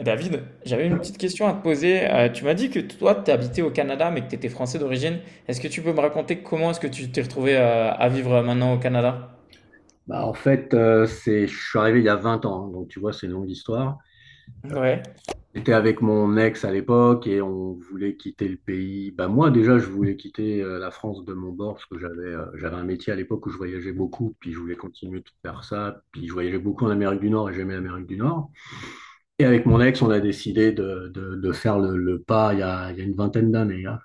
David, j'avais une petite question à te poser. Tu m'as dit que toi, tu habitais au Canada, mais que tu étais français d'origine. Est-ce que tu peux me raconter comment est-ce que tu t'es retrouvé à vivre maintenant au Canada? Bah, en fait, je suis arrivé il y a 20 ans, hein, donc tu vois, c'est une longue histoire. Ouais. J'étais avec mon ex à l'époque et on voulait quitter le pays. Bah, moi, déjà, je voulais quitter la France de mon bord parce que j'avais un métier à l'époque où je voyageais beaucoup, puis je voulais continuer de faire ça. Puis je voyageais beaucoup en Amérique du Nord et j'aimais l'Amérique du Nord. Et avec mon ex, on a décidé de faire le pas il y a une vingtaine d'années, hein.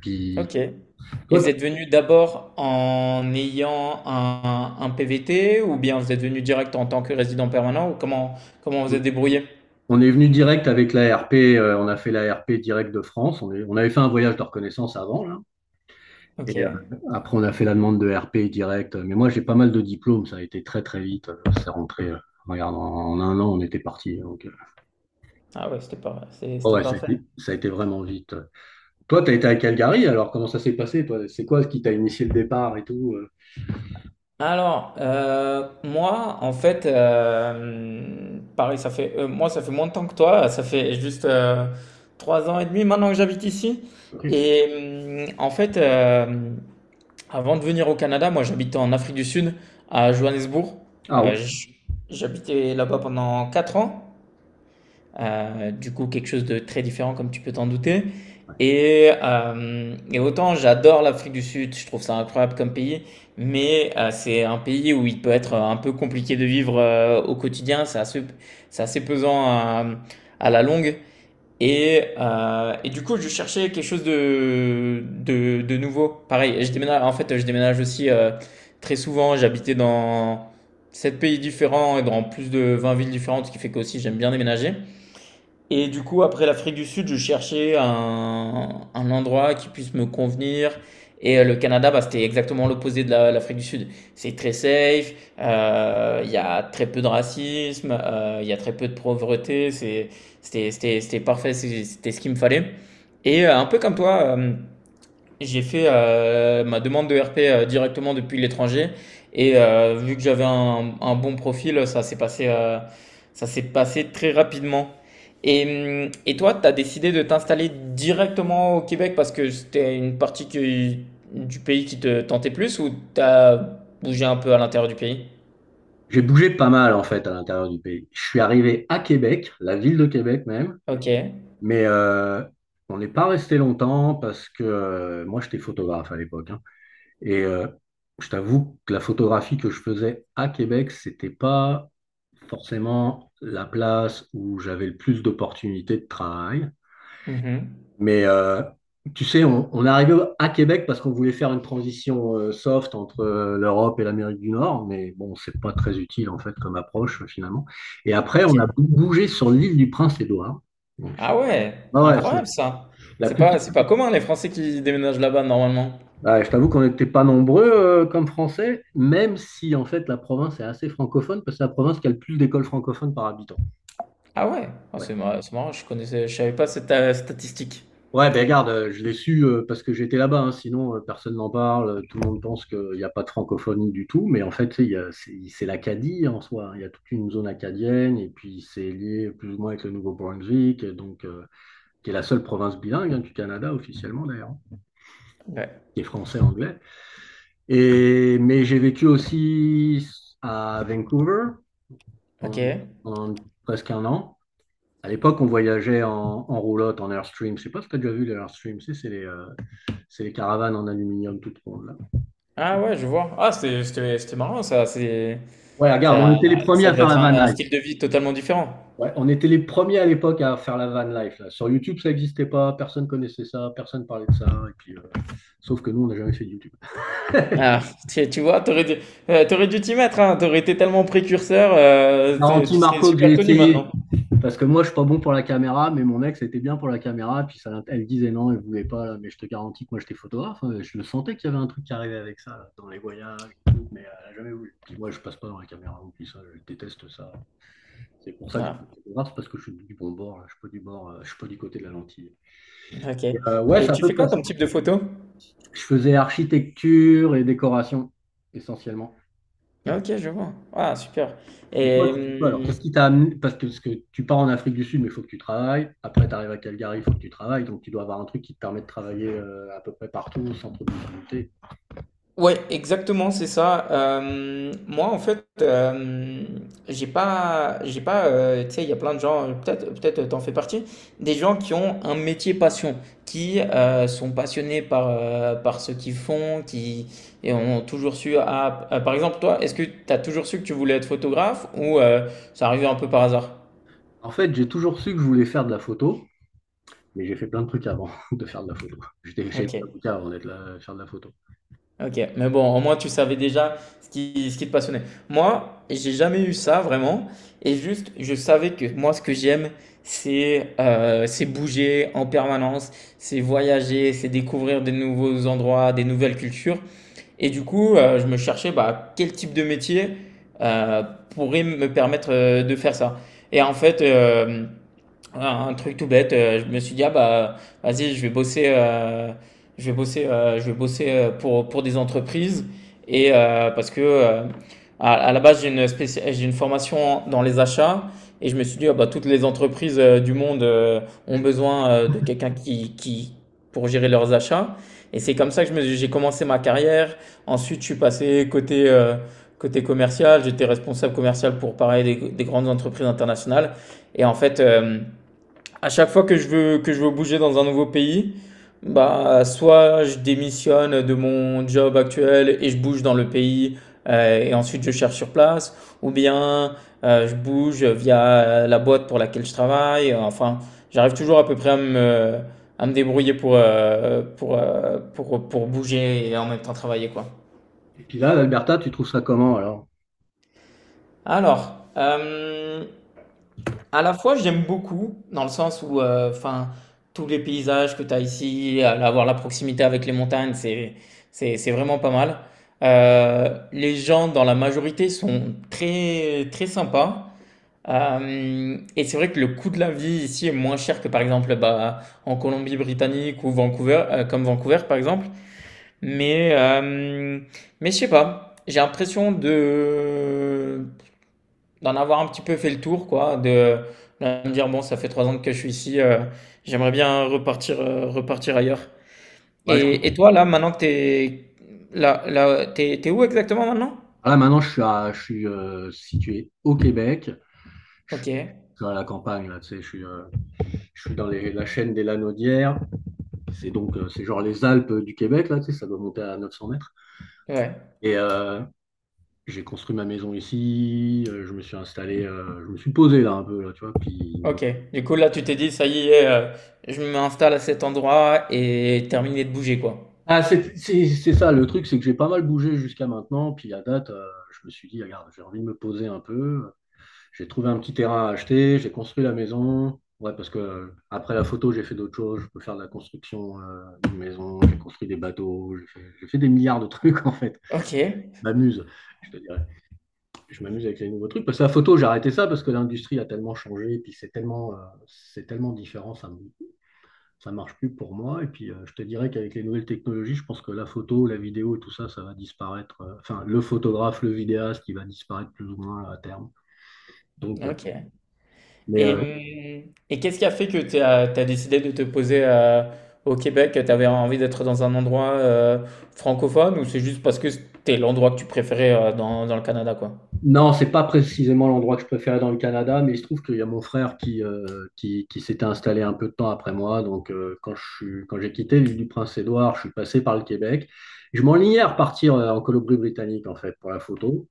Puis Ok. Et toi, vous êtes venu d'abord en ayant un PVT ou bien vous êtes venu direct en tant que résident permanent ou comment vous êtes débrouillé? on est venu direct avec l'ARP, on a fait l'ARP direct de France. On avait fait un voyage de reconnaissance avant, là. Et Ok. après, on a fait la demande de RP direct. Mais moi, j'ai pas mal de diplômes. Ça a été très, très vite. C'est rentré. Regarde, en un an, on était parti. Donc, Ah ouais, oh c'était ouais, ça a parfait. été, ça a été vraiment vite. Toi, tu as été à Calgary. Alors, comment ça s'est passé, toi? C'est quoi ce qui t'a initié le départ et tout? Pareil, moi, ça fait moins de temps que toi. Ça fait juste trois ans et demi maintenant que j'habite ici. Et avant de venir au Canada, moi, j'habitais en Afrique du Sud, à Johannesburg. Ah ouais. Euh, j- J'habitais là-bas pendant 4 ans. Du coup, quelque chose de très différent, comme tu peux t'en douter. Et autant j'adore l'Afrique du Sud, je trouve ça incroyable comme pays, mais c'est un pays où il peut être un peu compliqué de vivre au quotidien, c'est assez pesant à la longue. Et du coup, je cherchais quelque chose de nouveau. Pareil, je déménage, en fait, je déménage aussi très souvent, j'habitais dans 7 pays différents et dans plus de 20 villes différentes, ce qui fait que aussi j'aime bien déménager. Et du coup, après l'Afrique du Sud, je cherchais un endroit qui puisse me convenir. Et le Canada, bah, c'était exactement l'opposé de l'Afrique du Sud. C'est très safe, il y a très peu de racisme, il y a très peu de pauvreté. C'était parfait, c'était ce qu'il me fallait. Et un peu comme toi, j'ai fait ma demande de RP directement depuis l'étranger et vu que j'avais un bon profil, ça s'est passé très rapidement. Et toi, tu as décidé de t'installer directement au Québec parce que c'était du pays qui te tentait plus ou tu as bougé un peu à l'intérieur du pays? J'ai bougé pas mal, en fait, à l'intérieur du pays. Je suis arrivé à Québec, la ville de Québec même. Ok. Mais on n'est pas resté longtemps parce que moi, j'étais photographe à l'époque, hein. Et euh, je t'avoue que la photographie que je faisais à Québec, c'était pas forcément la place où j'avais le plus d'opportunités de travail. Mhm. Mais tu sais, on est arrivé à Québec parce qu'on voulait faire une transition soft entre l'Europe et l'Amérique du Nord, mais bon, c'est pas très utile en fait comme approche finalement. Et après, on a Ok. Bougé sur l'île du Prince-Édouard. Donc, je- Ah ouais, Ah ouais, c'est incroyable ça. la plus C'est pas commun les Français qui déménagent là-bas normalement. ah, je t'avoue qu'on n'était pas nombreux comme Français, même si en fait la province est assez francophone, parce que c'est la province qui a le plus d'écoles francophones par habitant. Ah ouais? Ah, Ouais, c'est marrant, je savais pas cette statistique. ouais, ben regarde, je l'ai su parce que j'étais là-bas, hein, sinon personne n'en parle, tout le monde pense qu'il n'y a pas de francophonie du tout, mais en fait tu sais, c'est l'Acadie en soi, hein. Il y a toute une zone acadienne, et puis c'est lié plus ou moins avec le Nouveau-Brunswick, et donc qui est la seule province bilingue, hein, du Canada officiellement d'ailleurs, hein, Ouais. qui est français-anglais. Et mais j'ai vécu aussi à Vancouver, Ok. pendant, pendant presque un an. À l'époque, on voyageait en roulotte, en Airstream. Je sais pas si tu as déjà vu les Airstream, c'est les caravanes en aluminium toutes rondes, là. Ah ouais, je vois. Ah, c'était marrant ça. Ouais, regarde, on ça, était les premiers ça à devait faire la être van un life. style de vie totalement différent. Ouais, on était les premiers à l'époque à faire la van life. Là, sur YouTube, ça n'existait pas, personne connaissait ça, personne parlait de ça. Et puis, sauf que nous, on n'a jamais fait de YouTube. Ah, tu vois, t'aurais dû t'y mettre, hein. T'aurais été tellement précurseur, Je tu serais Marco, que j'ai super connu essayé. maintenant. Parce que moi, je suis pas bon pour la caméra, mais mon ex était bien pour la caméra. Puis ça, elle disait non, elle voulait pas, là. Mais je te garantis que moi, j'étais photographe, hein. Je le sentais qu'il y avait un truc qui arrivait avec ça là, dans les voyages, tout, mais elle a jamais voulu. Puis moi, je passe pas dans la caméra. Puis ça, je déteste ça. C'est pour ça que je Ah, suis photographe, parce que je suis du bon bord, là. Je suis pas du bord. Je suis pas du côté de la lentille. ok. Ouais, c'est Et à tu peu fais près quoi ça. comme type de photo? Je faisais architecture et décoration essentiellement. Ok, je vois. Ah, super. Mais toi, Et, tu fais quoi alors? hum, Qu'est-ce qui t'a amené? Parce que tu pars en Afrique du Sud, mais il faut que tu travailles. Après, tu arrives à Calgary, il faut que tu travailles. Donc, tu dois avoir un truc qui te permet de travailler à peu près partout sans trop de difficulté. Ouais, exactement, c'est ça. J'ai pas, tu sais, il y a plein de gens, peut-être t'en fais partie, des gens qui ont un métier passion, qui sont passionnés par ce qu'ils font, qui et ont toujours su. Ah, par exemple, toi, est-ce que t'as toujours su que tu voulais être photographe ou ça arrivait un peu par hasard? En fait, j'ai toujours su que je voulais faire de la photo, mais j'ai fait plein de trucs avant de faire de la photo. Chez été Ok. avocat avant d'être là, faire de la photo. Ok, mais bon, au moins tu savais déjà ce qui te passionnait. Moi, j'ai jamais eu ça vraiment. Et juste, je savais que moi, ce que j'aime, c'est bouger en permanence, c'est voyager, c'est découvrir des nouveaux endroits, des nouvelles cultures. Et du coup, je me cherchais bah, quel type de métier euh, pourrait me permettre de faire ça. Et en fait, euh, un truc tout bête, je me suis dit, ah bah, vas-y, je vais bosser pour des entreprises. Et euh, parce que, euh, à la base, j'ai j'ai une formation dans les achats. Et je me suis dit, ah bah, toutes les entreprises du monde ont besoin de quelqu'un pour gérer leurs achats. Et c'est comme ça que j'ai commencé ma carrière. Ensuite, je suis passé côté commercial. J'étais responsable commercial pour, pareil, des grandes entreprises internationales. Et en fait, euh, à chaque fois que je veux bouger dans un nouveau pays, bah, soit je démissionne de mon job actuel et je bouge dans le pays et ensuite je cherche sur place, ou bien je bouge via la boîte pour laquelle je travaille. Enfin, j'arrive toujours à peu près à me débrouiller pour bouger et en même temps travailler, quoi. Et puis là, l'Alberta, tu trouves ça comment alors? Alors, euh, À la fois, j'aime beaucoup, dans le sens tous les paysages que tu as ici, avoir la proximité avec les montagnes, c'est vraiment pas mal. Les gens, dans la majorité, sont très, très sympas. Hem et c'est vrai que le coût de la vie ici est moins cher que, par exemple, bah, en Colombie-Britannique ou Vancouver, comme Vancouver, par exemple. Mais, hem, mais je sais pas, j'ai l'impression de d'en avoir un petit peu fait le tour, quoi, de me dire, bon, ça fait 3 ans que je suis ici, j'aimerais bien repartir, repartir ailleurs. Ouais, Et toi, là, maintenant que t'es là, là, t'es où exactement maintenant? Là, maintenant, je suis situé au Québec. Je Ok, suis à la campagne, là, tu sais, je suis dans la chaîne des Lanaudières. C'est donc, c'est genre les Alpes du Québec, là, tu sais, ça doit monter à 900 mètres. ouais, Et j'ai construit ma maison ici, je me suis installé, je me suis posé là un peu, là, tu vois. Puis... ok. Du coup, là, tu t'es dit, ça y est, je m'installe à cet endroit et terminé de bouger, quoi. ah, c'est ça, le truc, c'est que j'ai pas mal bougé jusqu'à maintenant. Puis à date, je me suis dit, regarde, j'ai envie de me poser un peu. J'ai trouvé un petit terrain à acheter, j'ai construit la maison. Ouais, parce que après la photo, j'ai fait d'autres choses. Je peux faire de la construction d'une maison, j'ai construit des bateaux, j'ai fait des milliards de trucs en fait. Ok, Je m'amuse, je te dirais. Je m'amuse avec les nouveaux trucs. Parce que la photo, j'ai arrêté ça parce que l'industrie a tellement changé, et puis c'est tellement différent, ça ne marche plus pour moi. Et puis je te dirais qu'avec les nouvelles technologies, je pense que la photo, la vidéo, tout ça, ça va disparaître. Enfin, le photographe, le vidéaste, il va disparaître plus ou moins à terme. Donc, euh, ok. mais Et, euh, et qu'est-ce qui a fait que t'as décidé de te poser au Québec? Tu avais envie d'être dans un endroit francophone ou c'est juste parce que c'était l'endroit que tu préférais dans, dans le Canada, quoi? Non, c'est pas précisément l'endroit que je préférais dans le Canada, mais il se trouve qu'il y a mon frère qui s'était installé un peu de temps après moi. Donc, quand j'ai quitté l'île du Prince-Édouard, je suis passé par le Québec. Je m'enlignais à repartir en Colombie-Britannique, en fait, pour la photo.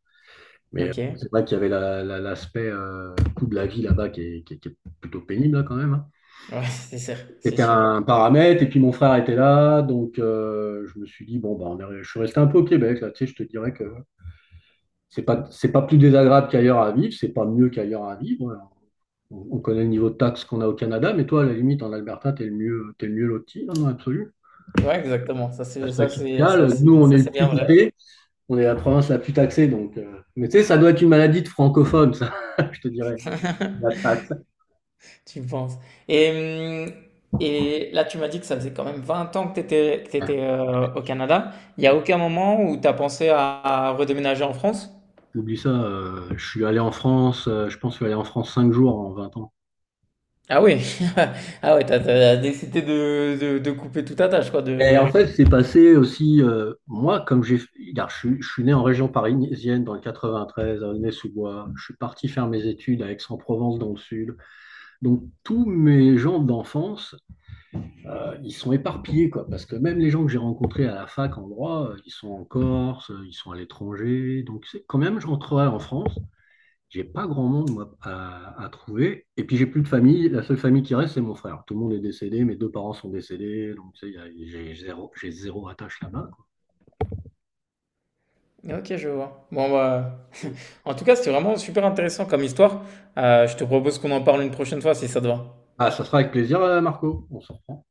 Mais Ok. Ouais, c'est vrai qu'il y avait l'aspect coût de la vie là-bas qui est, qui est plutôt pénible, là, quand même, hein. c'est sûr, c'est C'était sûr. un paramètre, et puis mon frère était là. Donc, je me suis dit, bon, bah, je suis resté un peu au Québec, là. Tu sais, je te dirais que c'est pas plus désagréable qu'ailleurs à vivre, c'est pas mieux qu'ailleurs à vivre, voilà. On connaît le niveau de taxes qu'on a au Canada, mais toi, à la limite, en Alberta, t'es le mieux loti, non, non, absolu. Ouais, exactement. Ça, Taxe fiscale, c'est nous, on ça, est le c'est bien plus vrai. taxé, on est la province la plus taxée, donc. Mais tu sais, ça doit être une maladie de francophone, ça, je te dirais, la taxe. Tu le penses. Et, hum, et là, tu m'as dit que ça faisait quand même 20 ans que tu étais, au Canada. Il n'y a aucun moment où tu as pensé à redéménager en France? Oublie ça, je suis allé en France, je pense que je suis allé en France 5 jours en 20 ans. Ah oui! Ah ouais, t'as as décidé de couper toute attache quoi, Et en de fait, c'est passé aussi, moi, comme regarde, je suis né en région parisienne dans le 93, à Aulnay-sous-Bois. Je suis parti faire mes études à Aix-en-Provence dans le sud. Donc, tous mes gens d'enfance, ils sont éparpillés, quoi, parce que même les gens que j'ai rencontrés à la fac en droit, ils sont en Corse, ils sont à l'étranger. Donc, quand même, je rentrerai en France, j'ai pas grand monde moi à trouver. Et puis j'ai plus de famille. La seule famille qui reste, c'est mon frère. Tout le monde est décédé. Mes deux parents sont décédés. Donc tu sais, j'ai zéro attache là-bas, quoi. OK, je vois. Bon bah, Et- en tout cas, c'était vraiment super intéressant comme histoire. Je te propose qu'on en parle une prochaine fois si ça te va. Ah, ça sera avec plaisir, Marco. On s'en reprend.